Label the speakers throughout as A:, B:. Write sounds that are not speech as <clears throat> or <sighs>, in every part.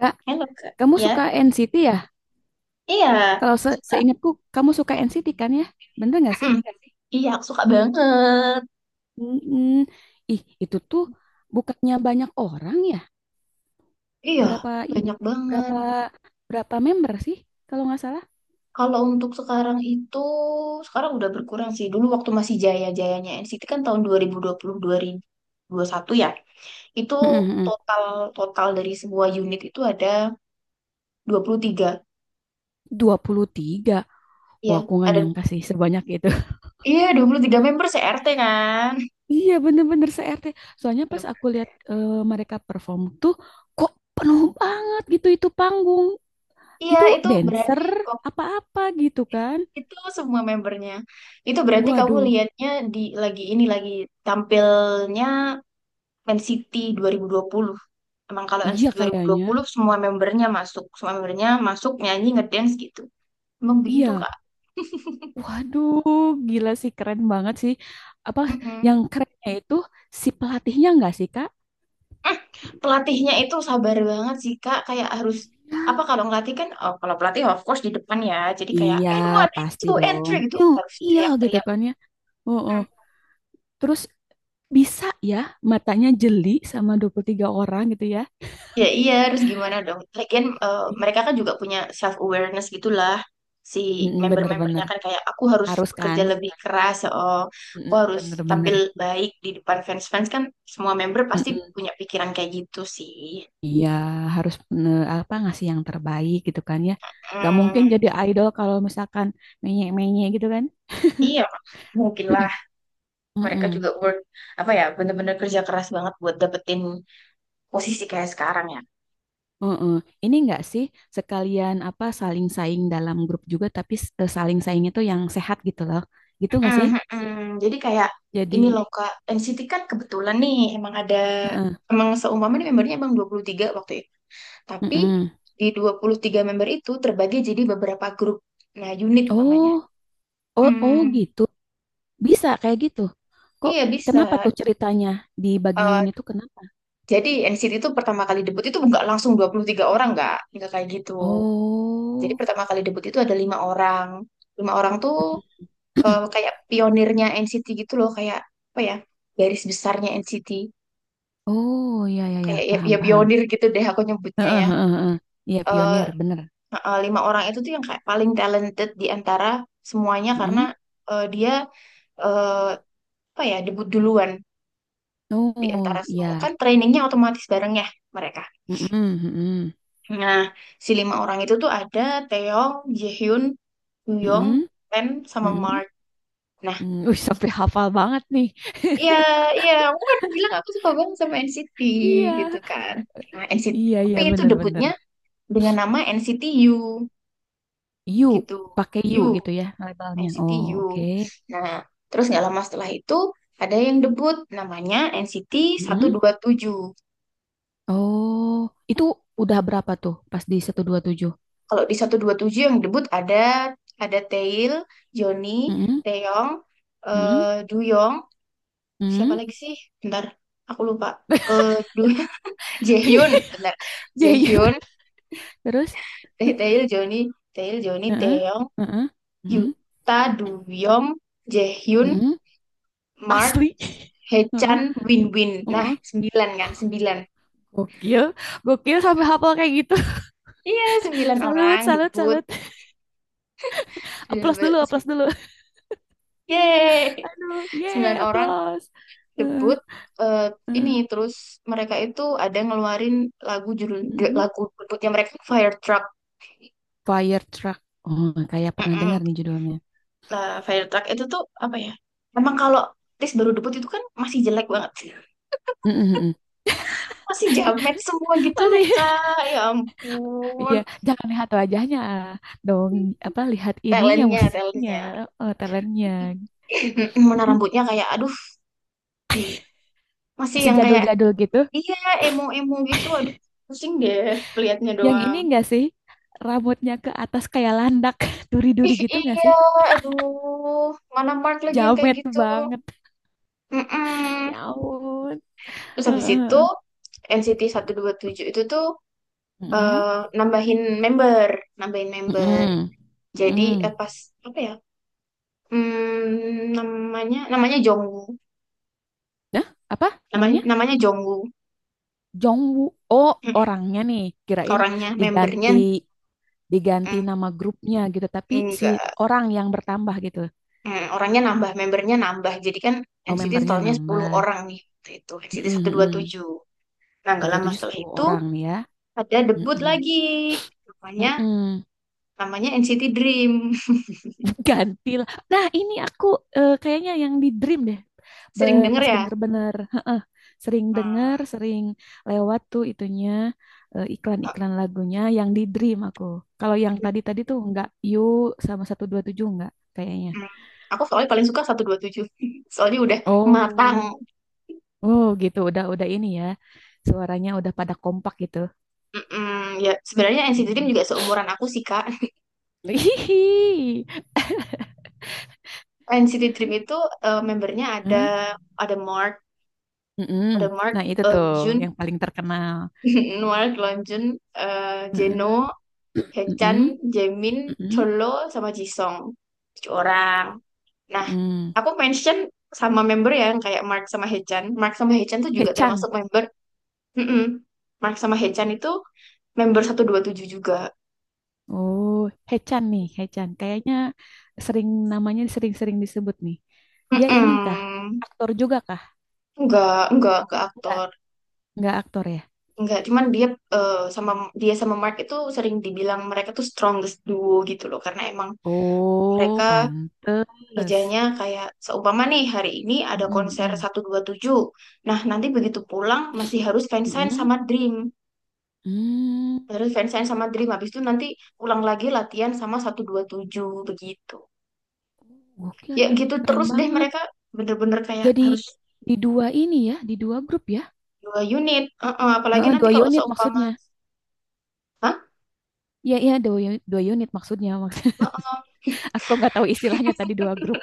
A: Kak,
B: Hello Kak.
A: kamu
B: Ya,
A: suka NCT ya?
B: iya
A: Kalau
B: suka.
A: seingatku, kamu suka NCT kan ya? Bener nggak sih?
B: Mm-mm. Iya, aku suka banget.
A: Mm-mm. Ih, itu tuh bukannya banyak orang ya?
B: Iya,
A: Berapa i-
B: banyak banget.
A: berapa berapa member sih? Kalau nggak salah?
B: Kalau untuk sekarang itu, sekarang udah berkurang sih. Dulu waktu masih jaya-jayanya NCT kan tahun dua dua dua puluh dua ribu ribu puluh puluh satu ya. Itu
A: Mm-mm-mm.
B: total total dari semua unit itu ada 23.
A: 23.
B: Iya,
A: Wah, aku nggak
B: ada
A: nyangka sih sebanyak itu. <laughs>
B: iya 23 member CRT kan.
A: Iya, bener-bener se-RT. Soalnya
B: <laughs> Bener.
A: pas aku lihat mereka perform tuh, kok penuh banget gitu itu panggung.
B: Iya,
A: Itu
B: itu
A: dancer
B: berarti...
A: apa-apa gitu kan?
B: Itu semua membernya. Itu berarti kamu
A: Waduh,
B: lihatnya di lagi ini lagi tampilnya Man City 2020. Emang kalau Man
A: iya
B: City
A: kayaknya.
B: 2020 semua membernya masuk nyanyi ngedance gitu. Emang begitu
A: Iya,
B: Kak.
A: waduh, gila sih keren banget sih. Apa yang
B: Mm-mm.
A: kerennya itu si pelatihnya nggak sih, Kak?
B: Eh, Pelatihnya itu sabar banget sih Kak, kayak harus
A: Iya,
B: apa kalau ngelatih kan. Oh, kalau pelatih of course di depan ya. Jadi kayak
A: iya,
B: and one, and
A: pasti
B: two, and
A: dong.
B: three gitu
A: Yo
B: harus
A: iya gitu
B: teriak-teriak.
A: kan ya. Oh, oh.
B: Hmm.
A: Terus bisa ya matanya jeli sama 23 orang gitu ya.
B: Ya iya, harus gimana dong? Lagian
A: Iya.
B: mereka kan juga punya self awareness gitulah, si
A: Mm-mm,
B: member-membernya
A: bener-bener.
B: kan kayak aku harus
A: Harus kan?
B: bekerja lebih keras, ya oh, aku
A: Mm-mm,
B: harus tampil
A: bener-bener.
B: baik di depan fans-fans kan, semua member pasti
A: Mm-mm.
B: punya pikiran kayak gitu sih.
A: Iya, harus apa ngasih yang terbaik gitu kan ya. Gak
B: Hmm,
A: mungkin jadi idol kalau misalkan menye-menye gitu kan.
B: iya, mungkinlah
A: <clears throat>
B: mereka
A: Mm-mm.
B: juga work, apa ya, bener-bener kerja keras banget buat dapetin posisi kayak sekarang ya.
A: Heeh. Ini enggak sih sekalian apa saling saing dalam grup juga tapi saling saing itu yang sehat gitu loh. Gitu enggak
B: Mm,
A: sih?
B: mm, mm. Jadi kayak ini
A: Jadi
B: loh Kak, NCT kan kebetulan nih emang ada, emang seumpama nih membernya emang 23 waktu itu. Tapi
A: mm-mm.
B: di 23 member itu terbagi jadi beberapa grup. Nah, unit namanya.
A: Oh, oh, oh
B: Hmm,
A: gitu. Bisa kayak gitu. Kok
B: iya bisa.
A: kenapa tuh ceritanya di bagi
B: Eh,
A: unit tuh kenapa?
B: jadi NCT itu pertama kali debut itu nggak langsung 23 orang, nggak kayak gitu. Jadi
A: Oh.
B: pertama kali debut itu ada 5 orang. 5 orang tuh
A: <clears throat>
B: kayak pionirnya NCT gitu loh, kayak apa ya? Garis besarnya NCT.
A: Oh, ya ya ya,
B: Kayak ya, ya
A: paham paham.
B: pionir gitu deh aku nyebutnya
A: Heeh,
B: ya.
A: heeh, heeh. Iya pionir, bener.
B: Lima orang itu tuh yang kayak paling talented di antara semuanya, karena
A: Mm.
B: dia, eh, apa ya, debut duluan di antara
A: Oh,
B: semua,
A: iya.
B: kan trainingnya otomatis bareng ya mereka.
A: Mm-mm, mm-mm,
B: Nah, si 5 orang itu tuh ada Taeyong, Jaehyun, Yong,
A: mm-mm,
B: Pen, sama
A: mm-mm,
B: Mark. Nah,
A: mm. Wih, sampai hafal banget nih.
B: iya, iya, aku kan bilang aku suka banget sama NCT
A: <laughs>
B: gitu
A: Iya.
B: kan. Nah NCT,
A: Iya,
B: tapi
A: iya,
B: itu
A: bener-bener.
B: debutnya dengan nama NCT U
A: Yu,
B: gitu.
A: pakai yu
B: U.
A: gitu ya labelnya.
B: NCT
A: Oh,
B: U.
A: oke.
B: Nah, terus nggak lama setelah itu ada yang debut namanya NCT
A: Mm-mm.
B: tujuh.
A: Oh, itu udah berapa tuh pas di 127?
B: Kalau di satu dua tujuh yang debut ada Tail, Johnny,
A: Mm-mm.
B: Taeyong,
A: Mm-mm.
B: Duyong, siapa
A: Mm-mm.
B: lagi sih? Bentar, aku lupa. Eh Du <laughs> Jaehyun,
A: <laughs>
B: bentar.
A: Ya, iya.
B: Jaehyun,
A: Terus?
B: Tail, Johnny, Tail, Johnny,
A: Heeh,
B: Taeyong,
A: heeh, heeh,
B: Yuta, Duyong, Jaehyun,
A: heeh.
B: Mark,
A: Asli. Heeh,
B: Hechan, Win-Win. Nah,
A: heeh.
B: sembilan kan, sembilan.
A: Gokil, gokil sampai hafal kayak gitu.
B: Iya,
A: <laughs>
B: 9 orang
A: Salut, salut,
B: debut.
A: salut.
B: Sembilan,
A: Applause
B: bel-
A: dulu, applause dulu.
B: Yeay.
A: Aduh, yeay,
B: 9 orang
A: applause. Heeh,
B: debut. eh, ini terus mereka itu ada ngeluarin lagu, judul
A: heeh.
B: lagu debutnya mereka Fire Truck.
A: Fire Truck. Oh, kayak pernah
B: Mm-mm.
A: dengar nih judulnya.
B: Nah, Fire Truck itu tuh apa ya? Emang kalau Tis baru debut itu kan masih jelek banget.
A: Mm, mm, mm.
B: Masih jamet semua gitu loh,
A: Masih,
B: Kak. Ya
A: <laughs>
B: ampun.
A: iya. Jangan lihat wajahnya dong. Apa lihat ininya
B: Talentnya,
A: musiknya,
B: talentnya.
A: talentnya.
B: <laughs> Mana rambutnya
A: <laughs>
B: kayak aduh di masih
A: Masih
B: yang kayak...
A: jadul-jadul gitu.
B: Iya, emo-emo gitu. Aduh, pusing deh kelihatnya
A: Yang ini
B: doang.
A: enggak sih? Rambutnya ke atas kayak landak, <laughs> duri-duri
B: Ih,
A: gitu enggak
B: iya,
A: sih?
B: aduh. Mana Mark lagi yang kayak
A: Jamet
B: gitu?
A: banget.
B: Mm-mm.
A: Ya ampun.
B: Terus
A: <laughs>
B: habis itu,
A: Mm,
B: NCT tujuh itu tuh eh, nambahin member. Nambahin member.
A: mm, mm,
B: Jadi,
A: mm.
B: pas, apa ya? Hmm, namanya Jongwoo.
A: Nah, apa namanya?
B: Namanya Jongwoo.
A: Jongwoo. Oh,
B: Mm.
A: orangnya nih. Kirain
B: Orangnya, membernya.
A: diganti diganti
B: Mm,
A: nama grupnya gitu tapi si
B: enggak.
A: orang yang bertambah gitu
B: Hmm, orangnya nambah, membernya nambah. Jadi kan
A: oh
B: NCT
A: membernya
B: totalnya 10
A: nambah.
B: orang nih. Waktu itu NCT
A: Mm-mm, mm-mm.
B: 127. Nah,
A: Satu,
B: gak
A: dua
B: lama
A: tujuh
B: setelah
A: sepuluh
B: itu
A: orang nih ya.
B: ada debut
A: Mm-mm,
B: lagi. Namanya
A: mm-mm.
B: Namanya NCT Dream.
A: <laughs> Ganti lah nah ini aku kayaknya yang di dream deh.
B: <laughs> Sering denger
A: Pas
B: ya?
A: bener-bener heeh, sering denger
B: Hmm,
A: sering lewat tuh itunya
B: aku
A: iklan-iklan lagunya yang di dream aku kalau yang tadi-tadi tuh enggak you sama satu dua tujuh enggak kayaknya.
B: hmm. Aku soalnya paling suka 127. <laughs> Soalnya udah matang.
A: Oh, oh gitu, udah ini ya. Suaranya udah pada kompak gitu.
B: Mm-mm, ya sebenarnya NCT Dream
A: Hmm.
B: juga seumuran aku sih, Kak.
A: <laughs>
B: <laughs> NCT Dream itu membernya
A: Hah?
B: ada, ada Mark,
A: Mm-mm.
B: ada Mark,
A: Nah itu tuh
B: Jun,
A: yang paling terkenal.
B: <laughs> Mark, Lonjun, eh,
A: Mm-mm.
B: Jeno, Hechan,
A: Mm-mm.
B: Jaemin,
A: Mm-mm.
B: Cholo, sama Jisung. 7 orang. Nah,
A: Mm-mm.
B: aku mention sama member ya, yang kayak Mark sama Hechan. Mark sama Hechan tuh juga
A: Hechan.
B: termasuk member. Mm-mm. Mark sama Hechan itu member 127 juga.
A: Oh, Hechan nih, Hechan. Kayaknya sering namanya sering-sering disebut nih. Dia ini kah?
B: Mm-mm.
A: Aktor juga kah?
B: Enggak
A: Enggak,
B: aktor.
A: enggak aktor ya.
B: Enggak, cuman dia eh, sama dia sama Mark itu sering dibilang mereka tuh strongest duo gitu loh, karena emang mereka
A: Oh, pantes.
B: kerjanya kayak seumpama nih hari ini ada konser
A: Mm-mm.
B: 127. Nah, nanti begitu pulang masih harus fansign
A: Mm-mm.
B: sama Dream.
A: Mm.
B: Harus fansign sama Dream. Habis itu nanti pulang lagi latihan sama 127 begitu.
A: Gokil
B: Ya
A: ya,
B: gitu
A: keren
B: terus deh
A: banget.
B: mereka bener-bener kayak
A: Jadi
B: harus
A: di dua ini ya, di dua grup ya.
B: 2 unit. Heeh, apalagi
A: Heeh,
B: nanti
A: dua
B: kalau
A: unit
B: seumpama...
A: maksudnya.
B: Hah?
A: Iya, iya, dua unit maksudnya. <laughs> Maksud,
B: Heeh,
A: aku nggak tahu istilahnya tadi dua grup.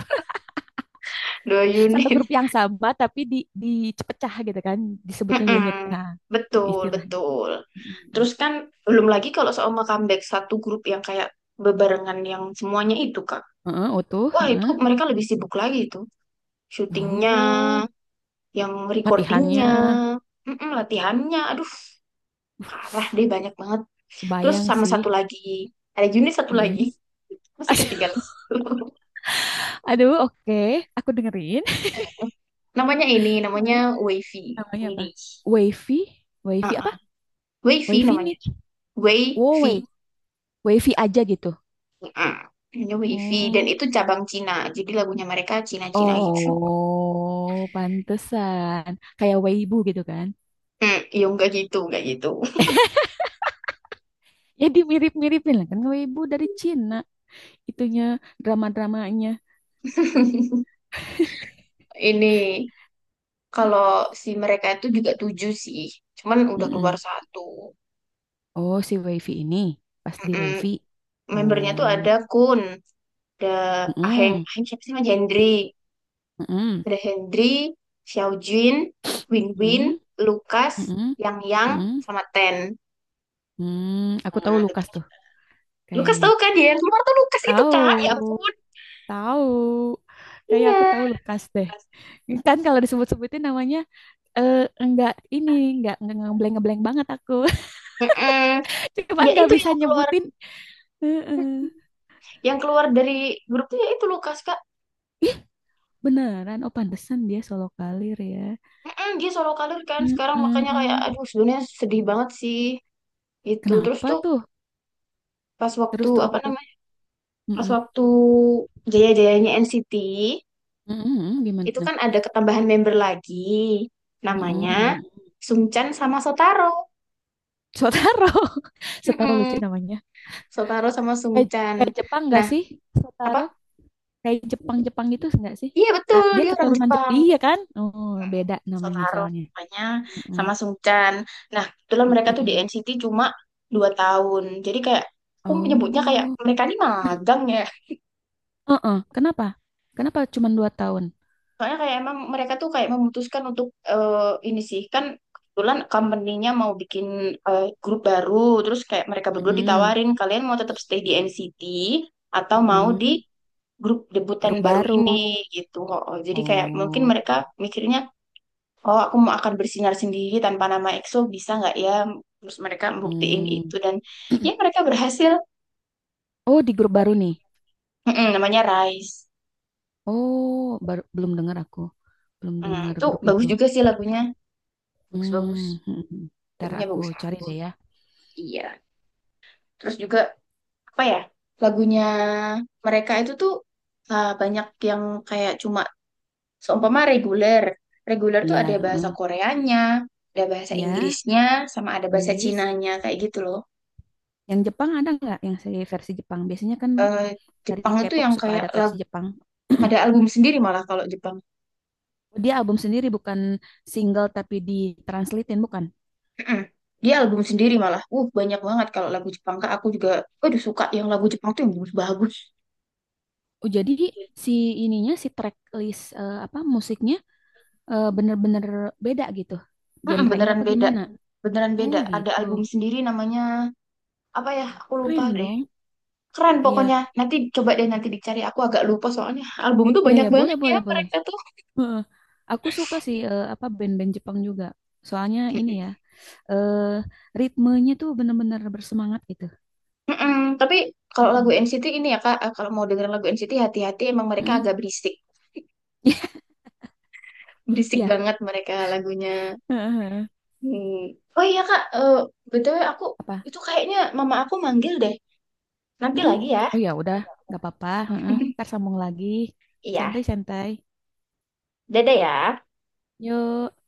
B: dua
A: <laughs> Satu
B: unit.
A: grup yang sama tapi dipecah gitu kan, disebutnya
B: <laughs> Heeh.
A: unit. Nah,
B: Betul,
A: istilahnya.
B: betul.
A: Mm.
B: Terus kan belum lagi kalau seumpama comeback satu grup yang kayak bebarengan yang semuanya itu.
A: Heeh, utuh,
B: Wah, itu
A: heeh.
B: mereka lebih sibuk lagi itu. Syutingnya,
A: Oh,
B: yang recordingnya,
A: latihannya.
B: mm-mm, latihannya. Aduh, parah deh
A: <sighs>
B: banyak banget. Terus
A: Kebayang
B: sama
A: sih.
B: satu lagi, ada unit satu lagi.
A: Mm.
B: <laughs> Masih ketinggalan
A: <laughs>
B: satu.
A: Aduh, oke. Aku dengerin.
B: <laughs> Namanya
A: Hmm.
B: Wavy.
A: Namanya apa?
B: Widi.
A: Wavy? Wavy apa?
B: Uh-uh. Wavy
A: Wavy
B: namanya.
A: niche? Wow,
B: Wavy.
A: Wavy aja gitu.
B: Uh, Namanya Wavy. Dan
A: Oh,
B: itu cabang Cina. Jadi lagunya mereka Cina-Cina gitu.
A: oh, pantesan. Kayak Weibo gitu kan?
B: Hmm, iya enggak gitu, enggak gitu.
A: Ya dimirip-miripin lah kan Weibo dari Cina. Itunya drama-dramanya.
B: <laughs> Ini kalau si mereka itu juga tujuh sih, cuman udah keluar
A: Mm-mm.
B: satu.
A: Oh, si Wifi ini pas di
B: Mm-mm.
A: Wifi.
B: Membernya tuh
A: Oh,
B: ada Kun, ada Aheng,
A: mm-mm.
B: Aheng siapa sih? Mas Hendry,
A: Mm-mm.
B: ada Hendry, Xiaojun, Win Win,
A: Mm-mm.
B: Lukas,
A: Mm-mm.
B: Yang,
A: Mm-mm.
B: sama Ten.
A: Hmm, aku tahu
B: Nah, itu
A: Lukas
B: kan-
A: tuh
B: Lukas
A: kayaknya.
B: tahu kan, dia yang keluar tuh Lukas itu kan? Ya
A: Tahu.
B: ampun.
A: Tahu. Kayak aku
B: Iya.
A: tahu Lukas deh. Kan kalau disebut-sebutin namanya eh enggak ini enggak ngebleng-ngebleng banget aku.
B: Mm-mm.
A: <laughs> Cuman
B: Ya
A: nggak
B: itu
A: bisa nyebutin. Heeh.
B: yang keluar dari grupnya ya itu Lukas Kak.
A: Ih, beneran oh pantesan dia solo kalir ya.
B: Mm-mm, dia solo karir kan sekarang, makanya kayak
A: Heeh.
B: aduh sebenarnya sedih banget sih. Itu terus
A: Kenapa
B: tuh
A: tuh?
B: pas waktu
A: Terus tuh
B: apa
A: apa tuh?
B: namanya? Pas
A: Heeh.
B: waktu jaya-jayanya NCT
A: Heeh,
B: itu kan
A: gimana?
B: ada ketambahan member lagi namanya
A: Heeh.
B: Sungchan sama Sotaro.
A: Sotaro. <laughs> Sotaro lucu
B: Mm-mm.
A: namanya.
B: Sotaro sama
A: Kayak
B: Sungchan.
A: kayak Jepang nggak
B: Nah,
A: sih?
B: apa?
A: Sotaro. Kayak Jepang-Jepang gitu enggak sih?
B: Iya
A: Ah,
B: betul,
A: dia
B: dia orang
A: keturunan Jepang,
B: Jepang.
A: iya kan? Oh, beda namanya
B: Sotaro
A: soalnya.
B: namanya
A: Mm-mm.
B: sama Sungchan. Nah, kebetulan mereka tuh di
A: Mm-mm.
B: NCT cuma 2 tahun. Jadi kayak aku menyebutnya kayak
A: Oh,
B: mereka ini magang ya.
A: heeh. Kenapa? Kenapa cuma 2 tahun?
B: Soalnya kayak emang mereka tuh kayak memutuskan untuk ini sih kan kebetulan company-nya mau bikin grup baru, terus kayak mereka berdua
A: Mm-mm.
B: ditawarin kalian mau tetap stay di NCT atau mau di
A: Mm-mm.
B: grup
A: Grup
B: debutan baru
A: baru.
B: ini gitu. Oh, jadi kayak mungkin
A: Oh,
B: mereka mikirnya oh aku mau akan bersinar sendiri tanpa nama EXO bisa nggak ya? Terus mereka buktiin
A: mm.
B: itu dan ya mereka berhasil.
A: Oh di grup baru nih.
B: Mm-mm, namanya Rise.
A: Oh, baru, belum dengar aku, belum
B: Mm,
A: dengar
B: itu
A: grup
B: bagus
A: itu.
B: juga sih lagunya. Bagus-bagus.
A: Hmm, <laughs> ntar
B: Lagunya
A: aku
B: bagus
A: cari
B: banget.
A: deh ya.
B: Iya. Terus juga apa ya lagunya mereka itu tuh banyak yang kayak cuma seumpama reguler. Reguler tuh ada
A: Iya,
B: bahasa Koreanya, ada bahasa
A: ya
B: Inggrisnya, sama ada bahasa
A: Inggris.
B: Cinanya kayak gitu loh.
A: Yang Jepang ada nggak? Yang seri versi Jepang biasanya kan
B: Eh,
A: dari
B: Jepang itu
A: K-pop
B: yang
A: suka
B: kayak
A: ada versi
B: lagu
A: Jepang.
B: ada album sendiri malah kalau Jepang.
A: Dia album sendiri bukan single tapi ditranslatein bukan.
B: Mm-mm. Dia album sendiri malah. Banyak banget kalau lagu Jepang. Kak, aku juga aduh suka yang lagu Jepang tuh yang bagus-bagus.
A: Oh, jadi si ininya si track list apa musiknya bener-bener beda gitu.
B: Mm-mm,
A: Genre nya
B: beneran
A: apa
B: beda.
A: gimana?
B: Beneran
A: Oh
B: beda. Ada
A: gitu.
B: album sendiri namanya apa ya? Aku lupa
A: Keren
B: deh.
A: dong.
B: Keren
A: Iya,
B: pokoknya. Nanti coba deh nanti dicari. Aku agak lupa soalnya album tuh
A: iya
B: banyak
A: ya boleh
B: banget ya
A: boleh boleh.
B: mereka tuh.
A: Heeh. Aku suka sih apa band-band Jepang juga. Soalnya ini ya, eh ritmenya tuh bener-bener bersemangat gitu.
B: Mm-mm. Tapi kalau lagu
A: Mm-mm.
B: NCT ini ya Kak, kalau mau dengerin lagu NCT hati-hati emang mereka
A: Mm-mm.
B: agak berisik.
A: <laughs>
B: Berisik
A: Iya.
B: banget mereka lagunya.
A: Heeh.
B: Hmm. Oh iya Kak, BTW aku
A: Apa
B: itu kayaknya mama aku manggil deh. Nanti
A: mm.
B: lagi ya.
A: Oh ya udah, nggak apa-apa. Heeh. Ntar
B: <laughs>
A: sambung lagi.
B: Iya,
A: Santai-santai.
B: dadah ya.
A: Yuk.